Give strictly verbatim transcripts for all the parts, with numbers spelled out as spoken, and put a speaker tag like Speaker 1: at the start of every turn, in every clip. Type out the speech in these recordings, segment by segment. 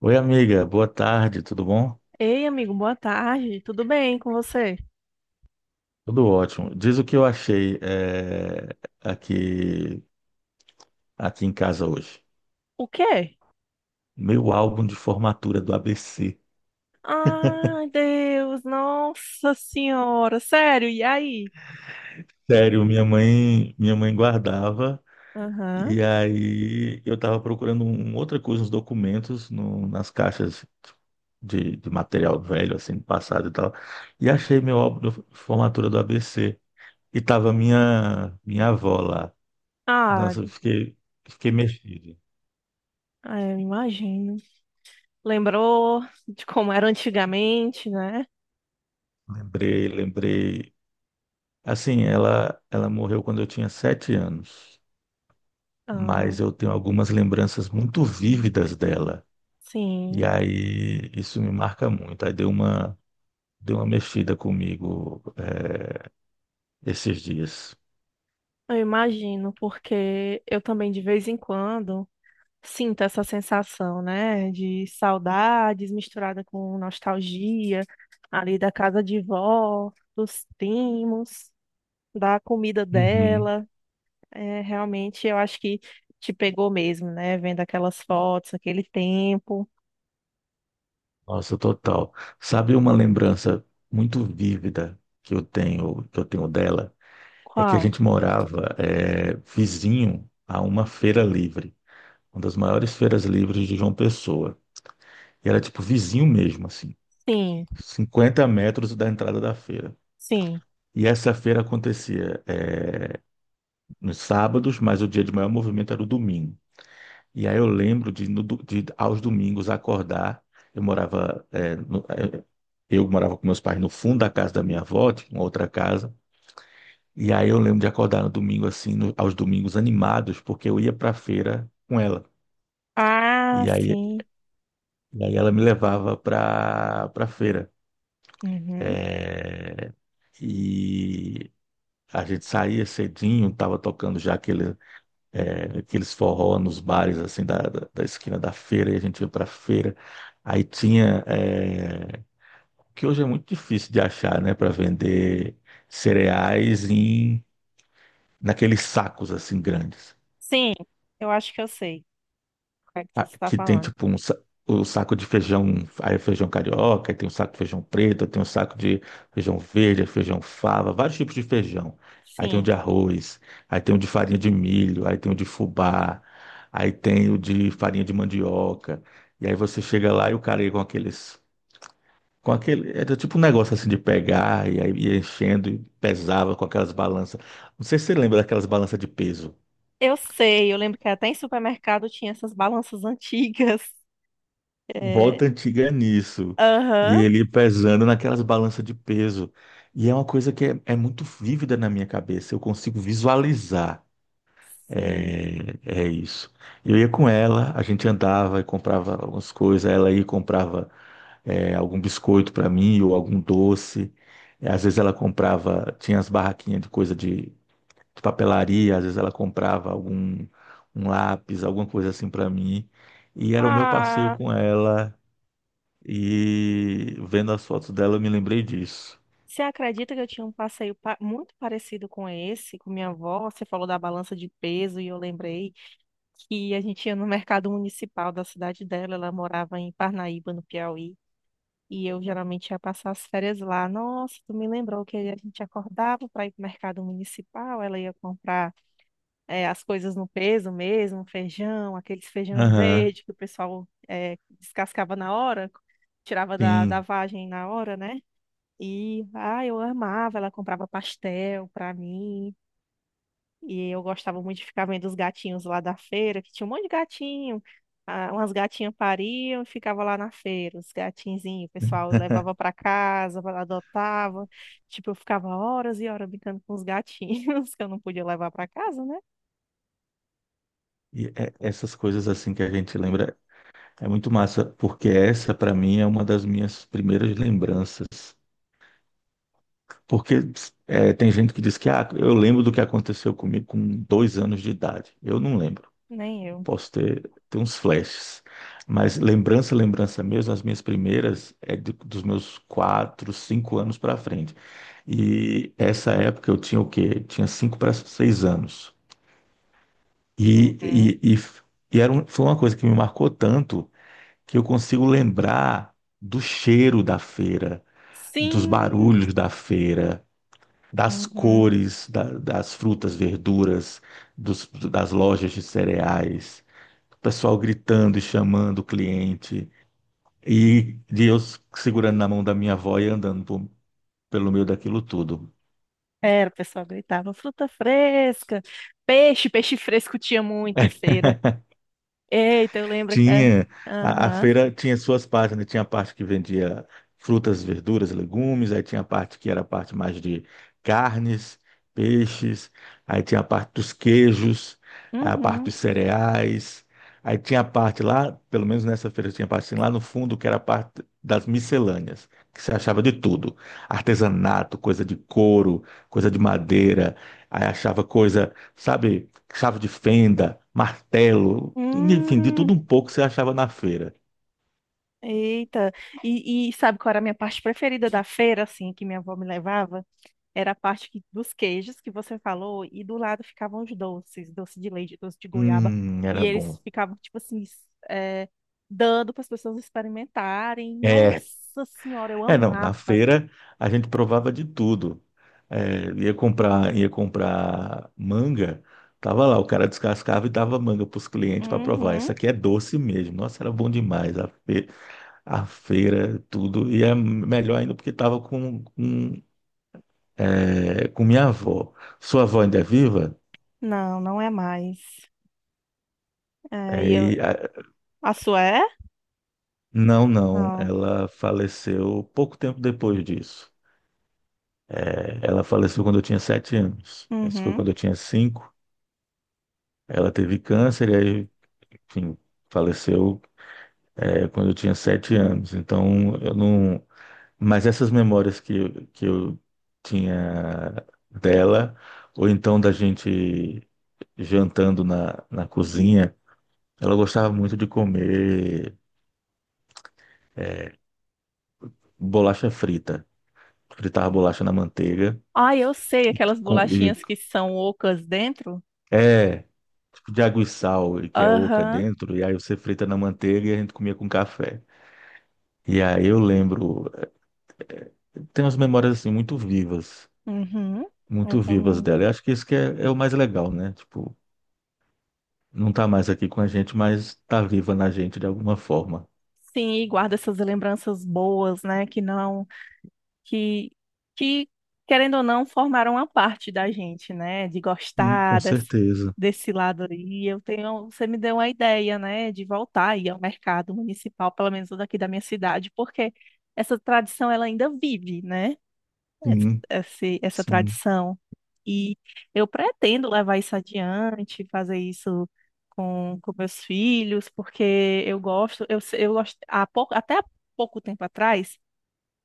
Speaker 1: Oi, amiga, boa tarde, tudo bom?
Speaker 2: Ei, amigo, boa tarde. Tudo bem com você?
Speaker 1: Tudo ótimo. Diz o que eu achei eh, aqui, aqui em casa hoje.
Speaker 2: O quê?
Speaker 1: Meu álbum de formatura do A B C.
Speaker 2: Ai, Deus, nossa senhora, sério, e aí?
Speaker 1: Sério, minha mãe, minha mãe guardava.
Speaker 2: Aham.
Speaker 1: E aí eu estava procurando um, outra coisa nos documentos, no- nas caixas de, de material velho, assim, do passado e tal. E achei meu álbum de formatura do A B C. E tava minha, minha avó lá.
Speaker 2: Ah,
Speaker 1: Nossa, eu fiquei, fiquei mexido.
Speaker 2: ah, eu imagino. Lembrou de como era antigamente, né?
Speaker 1: Lembrei, lembrei. Assim, ela, ela morreu quando eu tinha sete anos,
Speaker 2: Ah,
Speaker 1: mas eu tenho algumas lembranças muito vívidas dela. E
Speaker 2: sim,
Speaker 1: aí isso me marca muito. Aí deu uma, deu uma mexida comigo, eh, esses dias.
Speaker 2: eu imagino, porque eu também de vez em quando sinto essa sensação, né? De saudades misturada com nostalgia ali da casa de vó, dos primos, da comida
Speaker 1: Uhum.
Speaker 2: dela. É, realmente, eu acho que te pegou mesmo, né? Vendo aquelas fotos, aquele tempo.
Speaker 1: Nossa, total. Sabe uma lembrança muito vívida que eu tenho, que eu tenho dela? É que a
Speaker 2: Qual?
Speaker 1: gente morava, eh, vizinho a uma feira livre, uma das maiores feiras livres de João Pessoa. E era tipo vizinho mesmo, assim,
Speaker 2: Sim,
Speaker 1: cinquenta metros da entrada da feira.
Speaker 2: sim.
Speaker 1: E essa feira acontecia é, nos sábados, mas o dia de maior movimento era o domingo. E aí eu lembro de, no do- de aos domingos acordar. Eu morava, é, no- é, eu morava com meus pais no fundo da casa da minha avó, tinha uma outra casa. E aí eu lembro de acordar no domingo assim, no- aos domingos animados, porque eu ia para a feira com ela.
Speaker 2: Ah,
Speaker 1: E aí,
Speaker 2: sim.
Speaker 1: e aí ela me levava para para a feira.
Speaker 2: Uhum.
Speaker 1: É, e a gente saía cedinho, tava tocando já aquele, é, aqueles forró nos bares assim da, da, da esquina da feira, e a gente ia pra feira. Aí tinha, é, que hoje é muito difícil de achar, né, para vender cereais em naqueles sacos assim grandes.
Speaker 2: Sim, eu acho que eu sei o que é que
Speaker 1: Ah,
Speaker 2: você está
Speaker 1: que tem
Speaker 2: falando.
Speaker 1: tipo um, sa- o saco de feijão, aí é feijão carioca, aí tem um saco de feijão preto, aí tem um saco de feijão verde, feijão fava, vários tipos de feijão. Aí tem o
Speaker 2: Sim,
Speaker 1: de arroz, aí tem o de farinha de milho, aí tem o de fubá, aí tem o de farinha de mandioca. E aí você chega lá e o cara aí com aqueles, com aquele, era tipo um negócio assim de pegar e aí ia enchendo e pesava com aquelas balanças. Não sei se você lembra daquelas balanças de peso.
Speaker 2: eu sei. Eu lembro que até em supermercado tinha essas balanças antigas. É.
Speaker 1: Volta antiga é nisso. E
Speaker 2: Aham.
Speaker 1: ele pesando naquelas balanças de peso. E é uma coisa que é, é muito vívida na minha cabeça. Eu consigo visualizar.
Speaker 2: Sim.
Speaker 1: É, é isso. Eu ia com ela, a gente andava e comprava algumas coisas. Ela ia e comprava é, algum biscoito para mim ou algum doce. É, às vezes ela comprava, tinha as barraquinhas de coisa de, de papelaria. Às vezes ela comprava algum um lápis, alguma coisa assim para mim. E era o meu passeio
Speaker 2: Ah,
Speaker 1: com ela. E vendo as fotos dela, eu me lembrei disso.
Speaker 2: você acredita que eu tinha um passeio pa- muito parecido com esse, com minha avó? Você falou da balança de peso e eu lembrei que a gente ia no mercado municipal da cidade dela. Ela morava em Parnaíba, no Piauí, e eu geralmente ia passar as férias lá. Nossa, tu me lembrou que a gente acordava para ir para o mercado municipal. Ela ia comprar eh, as coisas no peso mesmo, feijão, aqueles feijão
Speaker 1: Aham,
Speaker 2: verde que o pessoal eh, descascava na hora, tirava da, da
Speaker 1: sim.
Speaker 2: vagem na hora, né? E, ah, eu amava, ela comprava pastel para mim. E eu gostava muito de ficar vendo os gatinhos lá da feira, que tinha um monte de gatinho. Ah, umas gatinhas pariam e ficava lá na feira, os gatinzinhos, o pessoal levava para casa, adotava. Tipo, eu ficava horas e horas brincando com os gatinhos, que eu não podia levar para casa, né?
Speaker 1: E é- essas coisas assim que a gente lembra é muito massa, porque essa para mim é uma das minhas primeiras lembranças. Porque é, tem gente que diz que ah, eu lembro do que aconteceu comigo com dois anos de idade. Eu não lembro.
Speaker 2: Nem eu.
Speaker 1: Posso ter, ter uns flashes. Mas lembrança, lembrança mesmo, as minhas primeiras é de- dos meus quatro, cinco anos para frente. E essa época eu tinha o quê? Tinha cinco para seis anos. E,
Speaker 2: Uhum.
Speaker 1: e, e, f- e era um- foi uma coisa que me marcou tanto que eu consigo lembrar do cheiro da feira, dos
Speaker 2: Sim!
Speaker 1: barulhos da feira, das
Speaker 2: Uhum.
Speaker 1: cores da- das frutas, verduras, dos- das lojas de cereais, o pessoal gritando e chamando o cliente, e, e eu segurando na mão da minha avó e andando por- pelo meio daquilo tudo.
Speaker 2: Era, o pessoal gritava, fruta fresca, peixe, peixe fresco tinha muito em feira. Eita, eu lembro que era.
Speaker 1: Tinha, a, a
Speaker 2: Aham.
Speaker 1: feira tinha suas partes, né? Tinha a parte que vendia frutas, verduras, legumes, aí tinha a parte que era a parte mais de carnes, peixes, aí tinha a parte dos queijos, aí a parte
Speaker 2: Uhum.
Speaker 1: dos cereais, aí tinha a parte lá, pelo menos nessa feira tinha a parte assim, lá no fundo, que era a parte das miscelâneas, que se achava de tudo, artesanato, coisa de couro, coisa de madeira, aí achava coisa, sabe? Chave de fenda, martelo, enfim, de
Speaker 2: Hum.
Speaker 1: tudo um pouco você achava na feira.
Speaker 2: Eita, e, e sabe qual era a minha parte preferida da feira, assim, que minha avó me levava? Era a parte que- dos queijos que você falou, e do lado ficavam os doces, doce de leite, doce de goiaba,
Speaker 1: Hum,
Speaker 2: e
Speaker 1: era bom.
Speaker 2: eles ficavam, tipo assim, s- é, dando para as pessoas experimentarem.
Speaker 1: É,
Speaker 2: Nossa Senhora, eu
Speaker 1: é não, na
Speaker 2: amava.
Speaker 1: feira a gente provava de tudo. É, ia comprar, ia comprar manga, tava lá, o cara descascava e dava manga para os clientes para provar. Essa
Speaker 2: Uhum.
Speaker 1: aqui é doce mesmo. Nossa, era bom demais. A, fe- a feira, tudo. E é melhor ainda porque tava com, com, é, com minha avó. Sua avó ainda é viva?
Speaker 2: Não, não é mais. É, e eu...
Speaker 1: É,
Speaker 2: A sua é?
Speaker 1: não, não.
Speaker 2: Não.
Speaker 1: Ela faleceu pouco tempo depois disso. É, ela faleceu quando eu tinha sete anos. Isso foi quando
Speaker 2: Uhum.
Speaker 1: eu tinha cinco. Ela teve câncer e aí, enfim, faleceu, é, quando eu tinha sete anos. Então, eu não. Mas essas memórias que, que eu tinha dela, ou então da gente jantando na, na cozinha, ela gostava muito de comer bolacha frita. Fritava bolacha na manteiga.
Speaker 2: Ah, eu sei,
Speaker 1: E,
Speaker 2: aquelas
Speaker 1: com- e
Speaker 2: bolachinhas que são ocas dentro.
Speaker 1: É, tipo de água e sal, e que é oca
Speaker 2: Aham.
Speaker 1: dentro, e aí você frita na manteiga e a gente comia com café. E aí eu lembro, tem umas memórias assim muito vivas,
Speaker 2: Uhum. Eu
Speaker 1: muito vivas
Speaker 2: também.
Speaker 1: dela. Eu acho que isso que é, é o mais legal, né? Tipo, não tá mais aqui com a gente, mas tá viva na gente de alguma forma.
Speaker 2: Sim, e guarda essas lembranças boas, né? Que não, que, que querendo ou não, formaram uma parte da gente, né? De
Speaker 1: Sim,
Speaker 2: gostar
Speaker 1: com
Speaker 2: desse,
Speaker 1: certeza.
Speaker 2: desse lado aí. Eu tenho, você me deu uma ideia, né? De voltar aí ao mercado municipal, pelo menos o daqui da minha cidade, porque essa tradição ela ainda vive, né? essa,
Speaker 1: Sim,
Speaker 2: esse- essa
Speaker 1: sim.
Speaker 2: tradição. E eu pretendo levar isso adiante, fazer isso com, com meus filhos, porque eu gosto, eu, se- eu gosto, há pouco, até há pouco tempo atrás,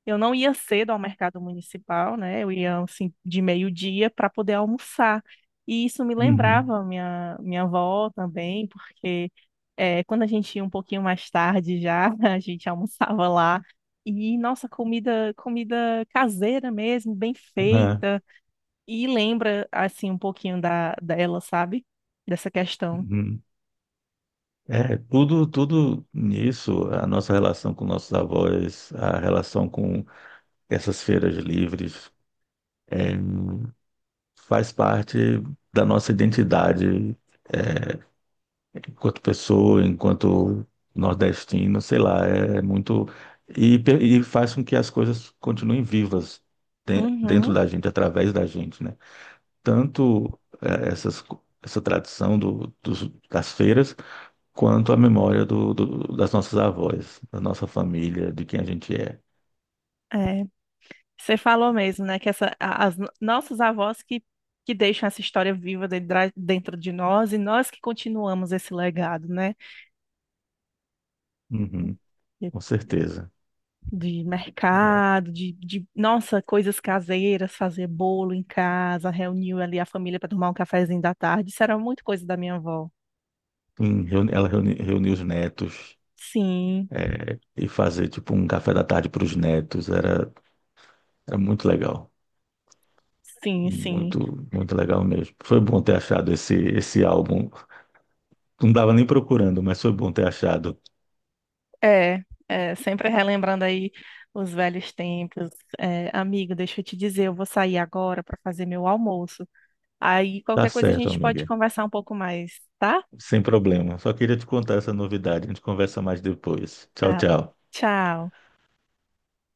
Speaker 2: eu não ia cedo ao mercado municipal, né? Eu ia assim de meio-dia para poder almoçar. E isso me
Speaker 1: Uhum.
Speaker 2: lembrava a minha minha avó também, porque é, quando a gente ia um pouquinho mais tarde já, a gente almoçava lá. E nossa, comida comida caseira mesmo, bem
Speaker 1: É,
Speaker 2: feita. E lembra assim um pouquinho da dela, sabe? Dessa questão.
Speaker 1: uhum. É, tudo, tudo nisso, a nossa relação com nossos avós, a relação com essas feiras livres. É, faz parte da nossa identidade enquanto pessoa, enquanto nordestino, sei lá, é muito. E, pe- e faz com que as coisas continuem vivas de- dentro
Speaker 2: Uhum,
Speaker 1: da gente, através da gente, né? Tanto eh, essas, co- essa tradição do, dos- das feiras, quanto a memória do, do- das nossas avós, da nossa família, de quem a gente é.
Speaker 2: é. Você falou mesmo, né, que essa, a- as no- nossas avós que, que deixam essa história viva de dra- dentro de nós, e nós que continuamos esse legado, né?
Speaker 1: Uhum,
Speaker 2: De,
Speaker 1: com certeza.
Speaker 2: de
Speaker 1: É,
Speaker 2: mercado, de, de, nossa, coisas caseiras, fazer bolo em casa, reunir ali a família para tomar um cafezinho da tarde, isso era muito coisa da minha avó.
Speaker 1: sim, reuni- ela reuni- reuniu os netos.
Speaker 2: Sim,
Speaker 1: É, e fazer tipo um café da tarde para os netos era, era muito legal.
Speaker 2: sim, sim.
Speaker 1: Muito, muito legal mesmo. Foi bom ter achado esse, esse álbum. Não dava nem procurando, mas foi bom ter achado.
Speaker 2: É, é, sempre relembrando aí os velhos tempos. É, amigo, deixa eu te dizer, eu vou sair agora para fazer meu almoço. Aí
Speaker 1: Tá
Speaker 2: qualquer coisa a
Speaker 1: certo,
Speaker 2: gente pode
Speaker 1: amiga.
Speaker 2: conversar um pouco mais, tá?
Speaker 1: Sem problema. Só queria te contar essa novidade. A gente conversa mais depois. Tchau,
Speaker 2: Ah,
Speaker 1: tchau.
Speaker 2: tchau.